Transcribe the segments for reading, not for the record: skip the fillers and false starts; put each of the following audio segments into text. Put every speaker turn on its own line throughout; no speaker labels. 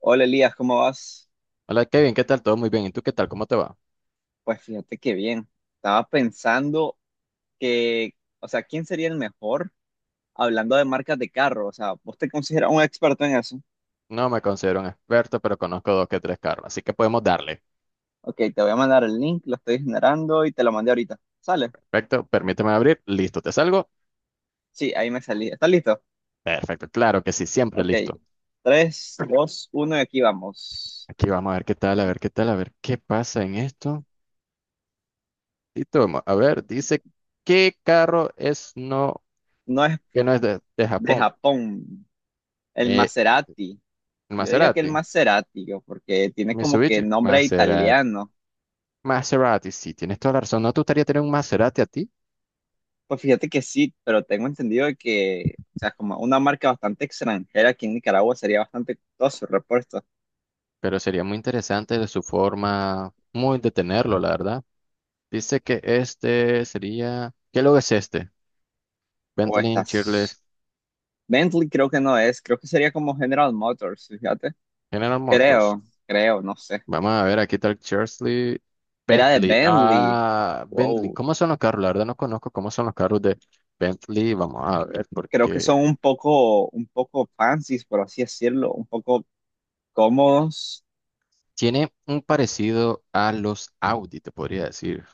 Hola Elías, ¿cómo vas?
Hola Kevin, ¿qué tal? Todo muy bien. ¿Y tú qué tal? ¿Cómo te va?
Pues fíjate que bien. Estaba pensando que, ¿quién sería el mejor hablando de marcas de carro? O sea, ¿vos te consideras un experto en eso?
No me considero un experto, pero conozco dos que tres carros, así que podemos darle.
Ok, te voy a mandar el link, lo estoy generando y te lo mandé ahorita. ¿Sale?
Perfecto, permíteme abrir. Listo, ¿te salgo?
Sí, ahí me salí. ¿Estás listo?
Perfecto, claro que sí, siempre
Ok,
listo.
tres, dos, uno, y aquí vamos.
Aquí vamos a ver qué tal, a ver qué tal, a ver qué pasa en esto. Y toma, a ver, dice, ¿qué carro es no,
No es
que no es de
de
Japón?
Japón, el
Eh,
Maserati. Yo diría que el
Maserati,
Maserati, yo, porque tiene como que
Mitsubishi,
nombre
Maserati.
italiano.
Maserati, sí, tienes toda la razón. ¿No te gustaría tener un Maserati a ti?
Pues fíjate que sí, pero tengo entendido de que, o sea, como una marca bastante extranjera aquí en Nicaragua sería bastante costoso el repuesto.
Pero sería muy interesante de su forma, muy de tenerlo, la verdad. Dice que este sería. ¿Qué logo es este?
O
Bentley
estas.
Cheerless
Bentley creo que no es, creo que sería como General Motors, fíjate.
General Motors.
Creo, no sé.
Vamos a ver, aquí está el Cheersley
Era de
Bentley.
Bentley.
Ah, Bentley.
Wow.
¿Cómo son los carros? La verdad no conozco cómo son los carros de Bentley. Vamos a ver,
Creo que son
porque
un poco fancy, por así decirlo, un poco cómodos.
tiene un parecido a los Audi, te podría decir.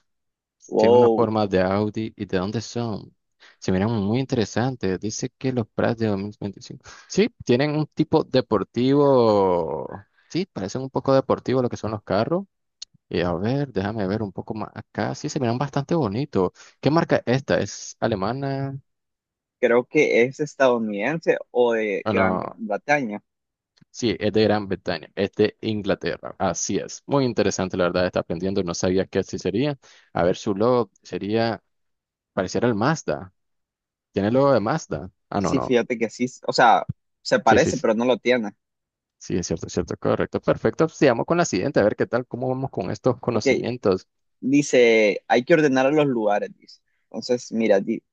Tiene una
Wow.
forma de Audi y de dónde son. Se miran muy interesantes. Dice que los Prats de 2025 sí, tienen un tipo deportivo. Sí, parecen un poco deportivos lo que son los carros. Y a ver, déjame ver un poco más acá. Sí, se miran bastante bonitos. ¿Qué marca es esta? ¿Es alemana?
Creo que es estadounidense o de
Ah,
Gran
no.
Bretaña.
Sí, es de Gran Bretaña. Es de Inglaterra. Así es. Muy interesante, la verdad, está aprendiendo. No sabía que así sería. A ver, su logo sería, pareciera el Mazda. ¿Tiene el logo de Mazda? Ah, no,
Sí,
no.
fíjate que sí. O sea, se
Sí, sí,
parece,
sí,
pero no lo tiene.
sí, es cierto, correcto, perfecto. Pues, sigamos con la siguiente, a ver qué tal, cómo vamos con estos
Ok,
conocimientos.
dice, hay que ordenar a los lugares, dice. Entonces, mira,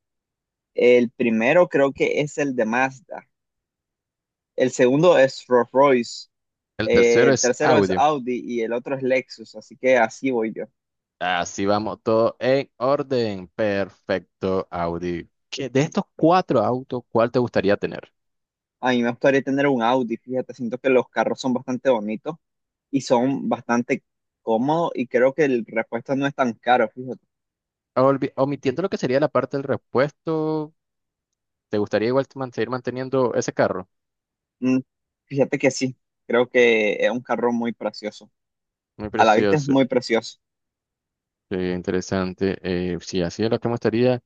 el primero creo que es el de Mazda, el segundo es Rolls-Royce,
El tercero
el
es
tercero es
audio.
Audi y el otro es Lexus, así que así voy yo.
Así vamos, todo en orden. Perfecto, audio. ¿ De estos cuatro autos, ¿cuál te gustaría tener?
A mí me gustaría tener un Audi, fíjate, siento que los carros son bastante bonitos y son bastante cómodos y creo que el repuesto no es tan caro, fíjate.
Omitiendo lo que sería la parte del repuesto, ¿te gustaría igual seguir manteniendo ese carro?
Mm, fíjate que sí, creo que es un carro muy precioso.
Muy
A la vista es muy
precioso,
precioso.
sí, interesante. Sí, así es lo que me gustaría.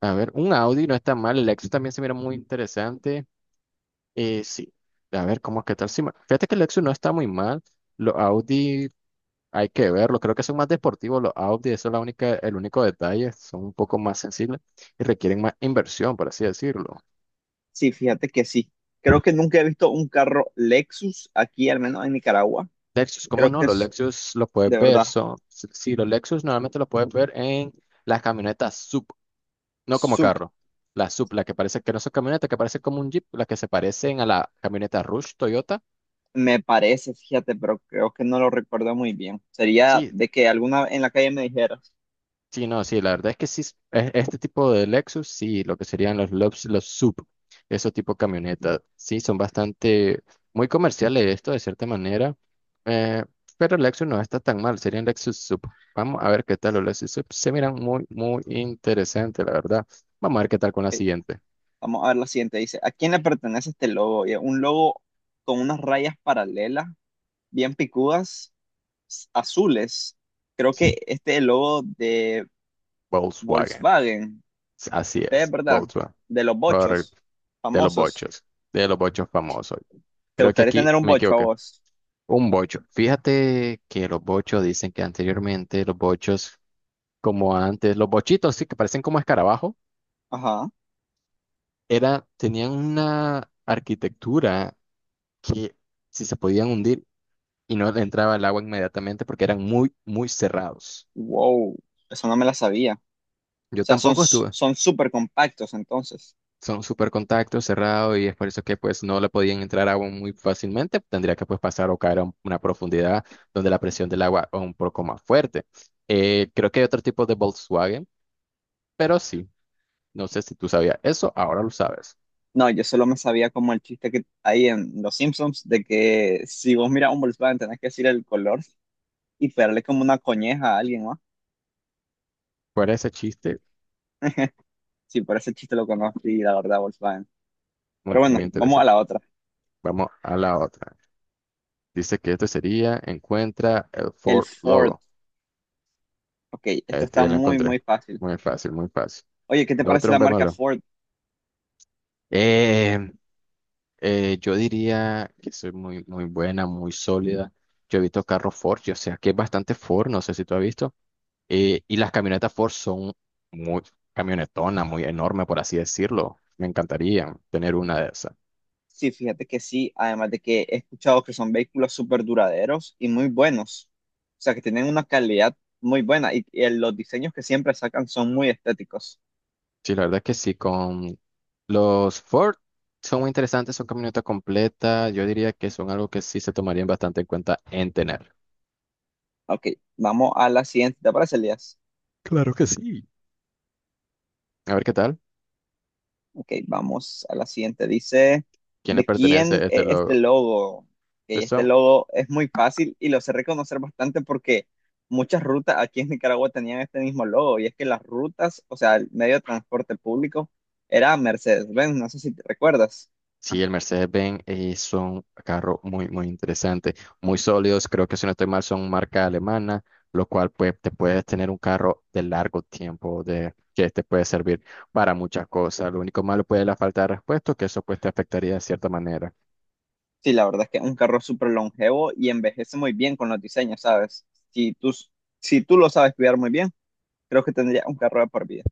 A ver, un Audi no está mal, el Lexus también se mira muy interesante. Sí, a ver cómo qué tal. Si fíjate que el Lexus no está muy mal. Los Audi hay que verlo. Creo que son más deportivos los Audi. Eso es la única, el único detalle. Son un poco más sensibles y requieren más inversión, por así decirlo.
Sí, fíjate que sí. Creo que nunca he visto un carro Lexus aquí, al menos en Nicaragua.
Lexus, ¿cómo
Creo
no?
que
Los
es
Lexus los puedes
de
ver.
verdad
Son, sí, sí, los Lexus normalmente los puedes ver en las camionetas sub, no como
SUV,
carro. La sub, la que parece que no son camionetas, que parece como un Jeep, las que se parecen a la camioneta Rush Toyota.
me parece, fíjate, pero creo que no lo recuerdo muy bien. Sería
Sí,
de que alguna en la calle me dijeras,
sí, no, sí, la verdad es que sí, este tipo de Lexus, sí, lo que serían los Lux, los SUV, esos tipo camionetas, sí, son bastante, muy comerciales esto de cierta manera, eh, pero el Lexus no está tan mal, serían Lexus SUV. Vamos a ver qué tal los Lexus SUV, se miran muy, muy interesantes, la verdad. Vamos a ver qué tal con la
ok,
siguiente.
vamos a ver la siguiente, dice, ¿a quién le pertenece este logo? Y es un logo con unas rayas paralelas, bien picudas, azules. Creo que
Sí,
este es el logo de
Volkswagen,
Volkswagen.
así
Este es,
es,
¿verdad?
Volkswagen,
De los bochos
correcto, de los
famosos.
bochos, de los bochos famosos.
¿Te
Creo que
gustaría
aquí
tener un
me
bocho a
equivoqué.
vos?
Un bocho. Fíjate que los bochos dicen que anteriormente los bochos, como antes, los bochitos, sí, que parecen como escarabajo,
Ajá.
era, tenían una arquitectura que si se podían hundir y no le entraba el agua inmediatamente porque eran muy, muy cerrados.
Wow, eso no me la sabía. O
Yo
sea, son
tampoco estuve.
son súper compactos entonces.
Son súper contactos, cerrados y es por eso que pues no le podían entrar agua muy fácilmente. Tendría que pues pasar o caer a una profundidad donde la presión del agua es un poco más fuerte. Creo que hay otro tipo de Volkswagen, pero sí. No sé si tú sabías eso, ahora lo sabes.
No, yo solo me sabía como el chiste que hay en Los Simpsons de que si vos miras un Volkswagen tenés que decir el color y pegarle como una coñeja a alguien, ¿no?
Fuera ese chiste,
Sí, por ese chiste lo conocí, la verdad, Volkswagen.
muy,
Pero bueno,
muy
vamos a
interesante.
la otra.
Vamos a la otra. Dice que este sería, encuentra el
El
Ford
Ford.
logo.
Ok, esta
Este
está
ya lo
muy,
encontré.
muy fácil.
Muy fácil, muy fácil.
Oye, ¿qué te
Lo
parece
otro,
la
un
marca
bémolo.
Ford?
Eh, yo diría que soy muy, muy buena, muy sólida. Yo he visto carros Ford, o sea que es bastante Ford, no sé si tú has visto. Y las camionetas Ford son muy camionetonas, muy enormes, por así decirlo. Me encantaría tener una de esas.
Sí, fíjate que sí, además de que he escuchado que son vehículos súper duraderos y muy buenos, o sea que tienen una calidad muy buena y los diseños que siempre sacan son muy estéticos.
Sí, la verdad que sí, con los Ford son muy interesantes, son camionetas completas, yo diría que son algo que sí se tomarían bastante en cuenta en tener.
Ok, vamos a la siguiente, ¿te parece, Elías?
Claro que sí. A ver qué tal,
Ok, vamos a la siguiente. Dice,
¿quién le
¿de quién
pertenece este
es este
logo?
logo? Ok,
Estos
este
son,
logo es muy fácil y lo sé reconocer bastante porque muchas rutas aquí en Nicaragua tenían este mismo logo y es que las rutas, o sea, el medio de transporte público era Mercedes-Benz, no sé si te recuerdas.
sí, el Mercedes-Benz son carros muy, muy interesantes, muy sólidos, creo que si no estoy mal son marca alemana, lo cual pues te puedes tener un carro de largo tiempo, de que te puede servir para muchas cosas. Lo único malo puede ser la falta de repuestos, que eso pues te afectaría de cierta manera.
Sí, la verdad es que es un carro súper longevo y envejece muy bien con los diseños, ¿sabes? Si tú lo sabes cuidar muy bien, creo que tendría un carro de por vida.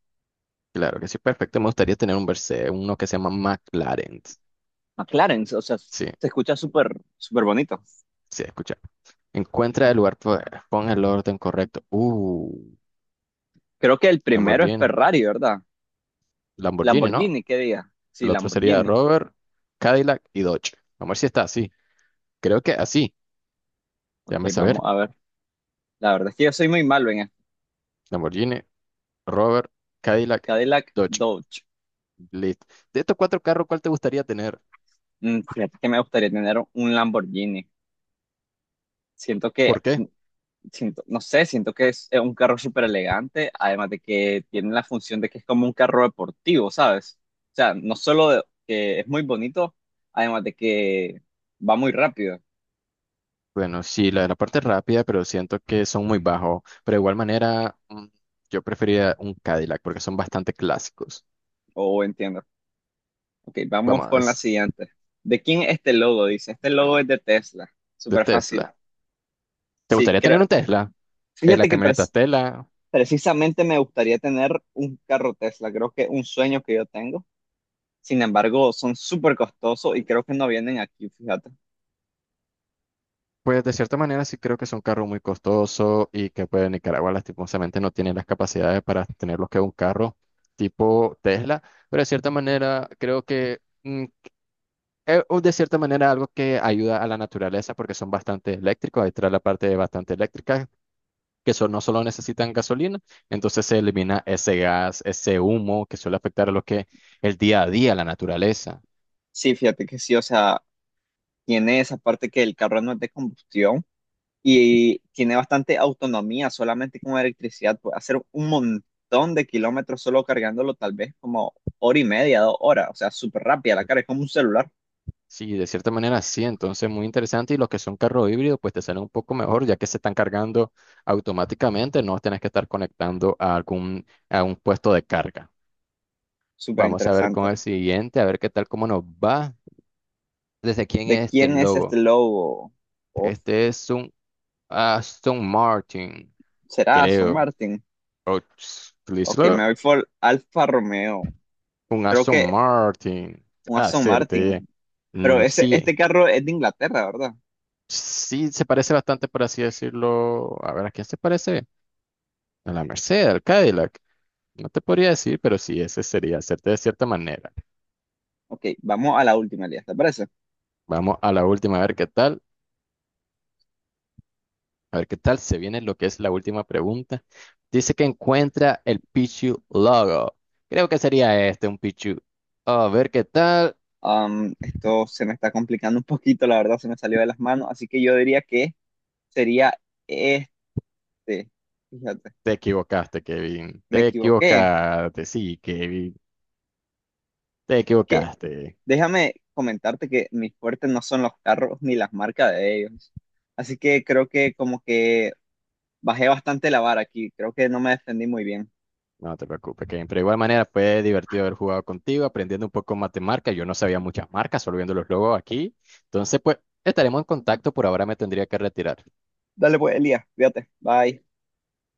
Claro que sí, perfecto. Me gustaría tener un Verse, uno que se llama McLaren.
McLaren, o sea, se
Sí,
escucha súper bonito.
sí, escucha. Encuentra el lugar, pon el orden correcto.
Creo que el primero es
Lamborghini.
Ferrari, ¿verdad?
Lamborghini, ¿no?
Lamborghini, ¿qué diga? Sí,
El otro sería
Lamborghini.
Rover, Cadillac y Dodge. Vamos a ver si está así. Creo que así.
Ok,
Déjame saber.
vamos a ver. La verdad es que yo soy muy malo en esto.
Lamborghini, Rover, Cadillac,
Cadillac
Dodge.
Dodge.
Listo. De estos cuatro carros, ¿cuál te gustaría tener?
Mm, fíjate que me gustaría tener un Lamborghini. Siento que
¿Por qué?
siento, no sé, siento que es un carro súper elegante, además de que tiene la función de que es como un carro deportivo, ¿sabes? O sea, no que es muy bonito, además de que va muy rápido,
Bueno, sí, la de la parte rápida, pero siento que son muy bajos. Pero de igual manera, yo preferiría un Cadillac porque son bastante clásicos.
o entiendo. Ok, vamos
Vamos,
con la
es
siguiente. ¿De quién es este logo? Dice, este logo es de Tesla,
de
súper fácil.
Tesla. ¿Te
Sí,
gustaría
creo,
tener un Tesla? La
fíjate que
camioneta
pres-
Tesla,
precisamente me gustaría tener un carro Tesla, creo que es un sueño que yo tengo. Sin embargo, son súper costosos y creo que no vienen aquí, fíjate.
pues de cierta manera sí creo que es un carro muy costoso y que pues Nicaragua lastimosamente no tiene las capacidades para tener lo que es un carro tipo Tesla, pero de cierta manera creo que o de cierta manera algo que ayuda a la naturaleza porque son bastante eléctricos, ahí trae la parte bastante eléctrica que no solo necesitan gasolina, entonces se elimina ese gas, ese humo que suele afectar a lo que el día a día, la naturaleza.
Sí, fíjate que sí, o sea, tiene esa parte que el carro no es de combustión y tiene bastante autonomía, solamente con electricidad puede hacer un montón de kilómetros solo cargándolo, tal vez como hora y media, dos horas, o sea, súper rápida la carga, es como un celular,
Sí, de cierta manera sí, entonces muy interesante y los que son carros híbridos pues te salen un poco mejor ya que se están cargando automáticamente, no tienes que estar conectando a algún a un puesto de carga.
súper
Vamos a ver con
interesante.
el siguiente, a ver qué tal cómo nos va. ¿Desde quién
¿De
es este
quién es este
logo?
logo? ¿O
Este es un Aston Martin,
será Aston
creo.
Martin?
O
Ok,
Chrysler.
me voy por Alfa Romeo,
Un
creo
Aston
que
Martin.
un Aston
Hacerte.
Martin, pero este
Sí,
carro es de Inglaterra, ¿verdad?
sí se parece bastante, por así decirlo. A ver, ¿a quién se parece? A la Mercedes, al Cadillac. No te podría decir, pero sí, ese sería hacerte de cierta manera.
Ok, vamos a la última, Elías, ¿te parece?
Vamos a la última, a ver qué tal. A ver qué tal se viene lo que es la última pregunta. Dice que encuentra el Pichu logo. Creo que sería este, un Pichu. A ver qué tal.
Am, esto se me está complicando un poquito, la verdad, se me salió de las manos, así que yo diría que sería este. Fíjate,
Te equivocaste, Kevin.
me
Te
equivoqué.
equivocaste, sí, Kevin. Te
Que,
equivocaste.
déjame comentarte que mis fuertes no son los carros ni las marcas de ellos. Así que creo que como que bajé bastante la vara aquí, creo que no me defendí muy bien.
No te preocupes, Kevin. Pero de igual manera fue divertido haber jugado contigo, aprendiendo un poco más de marca. Yo no sabía muchas marcas, solo viendo los logos aquí. Entonces, pues, estaremos en contacto. Por ahora me tendría que retirar.
Dale pues, Elías, fíjate, bye.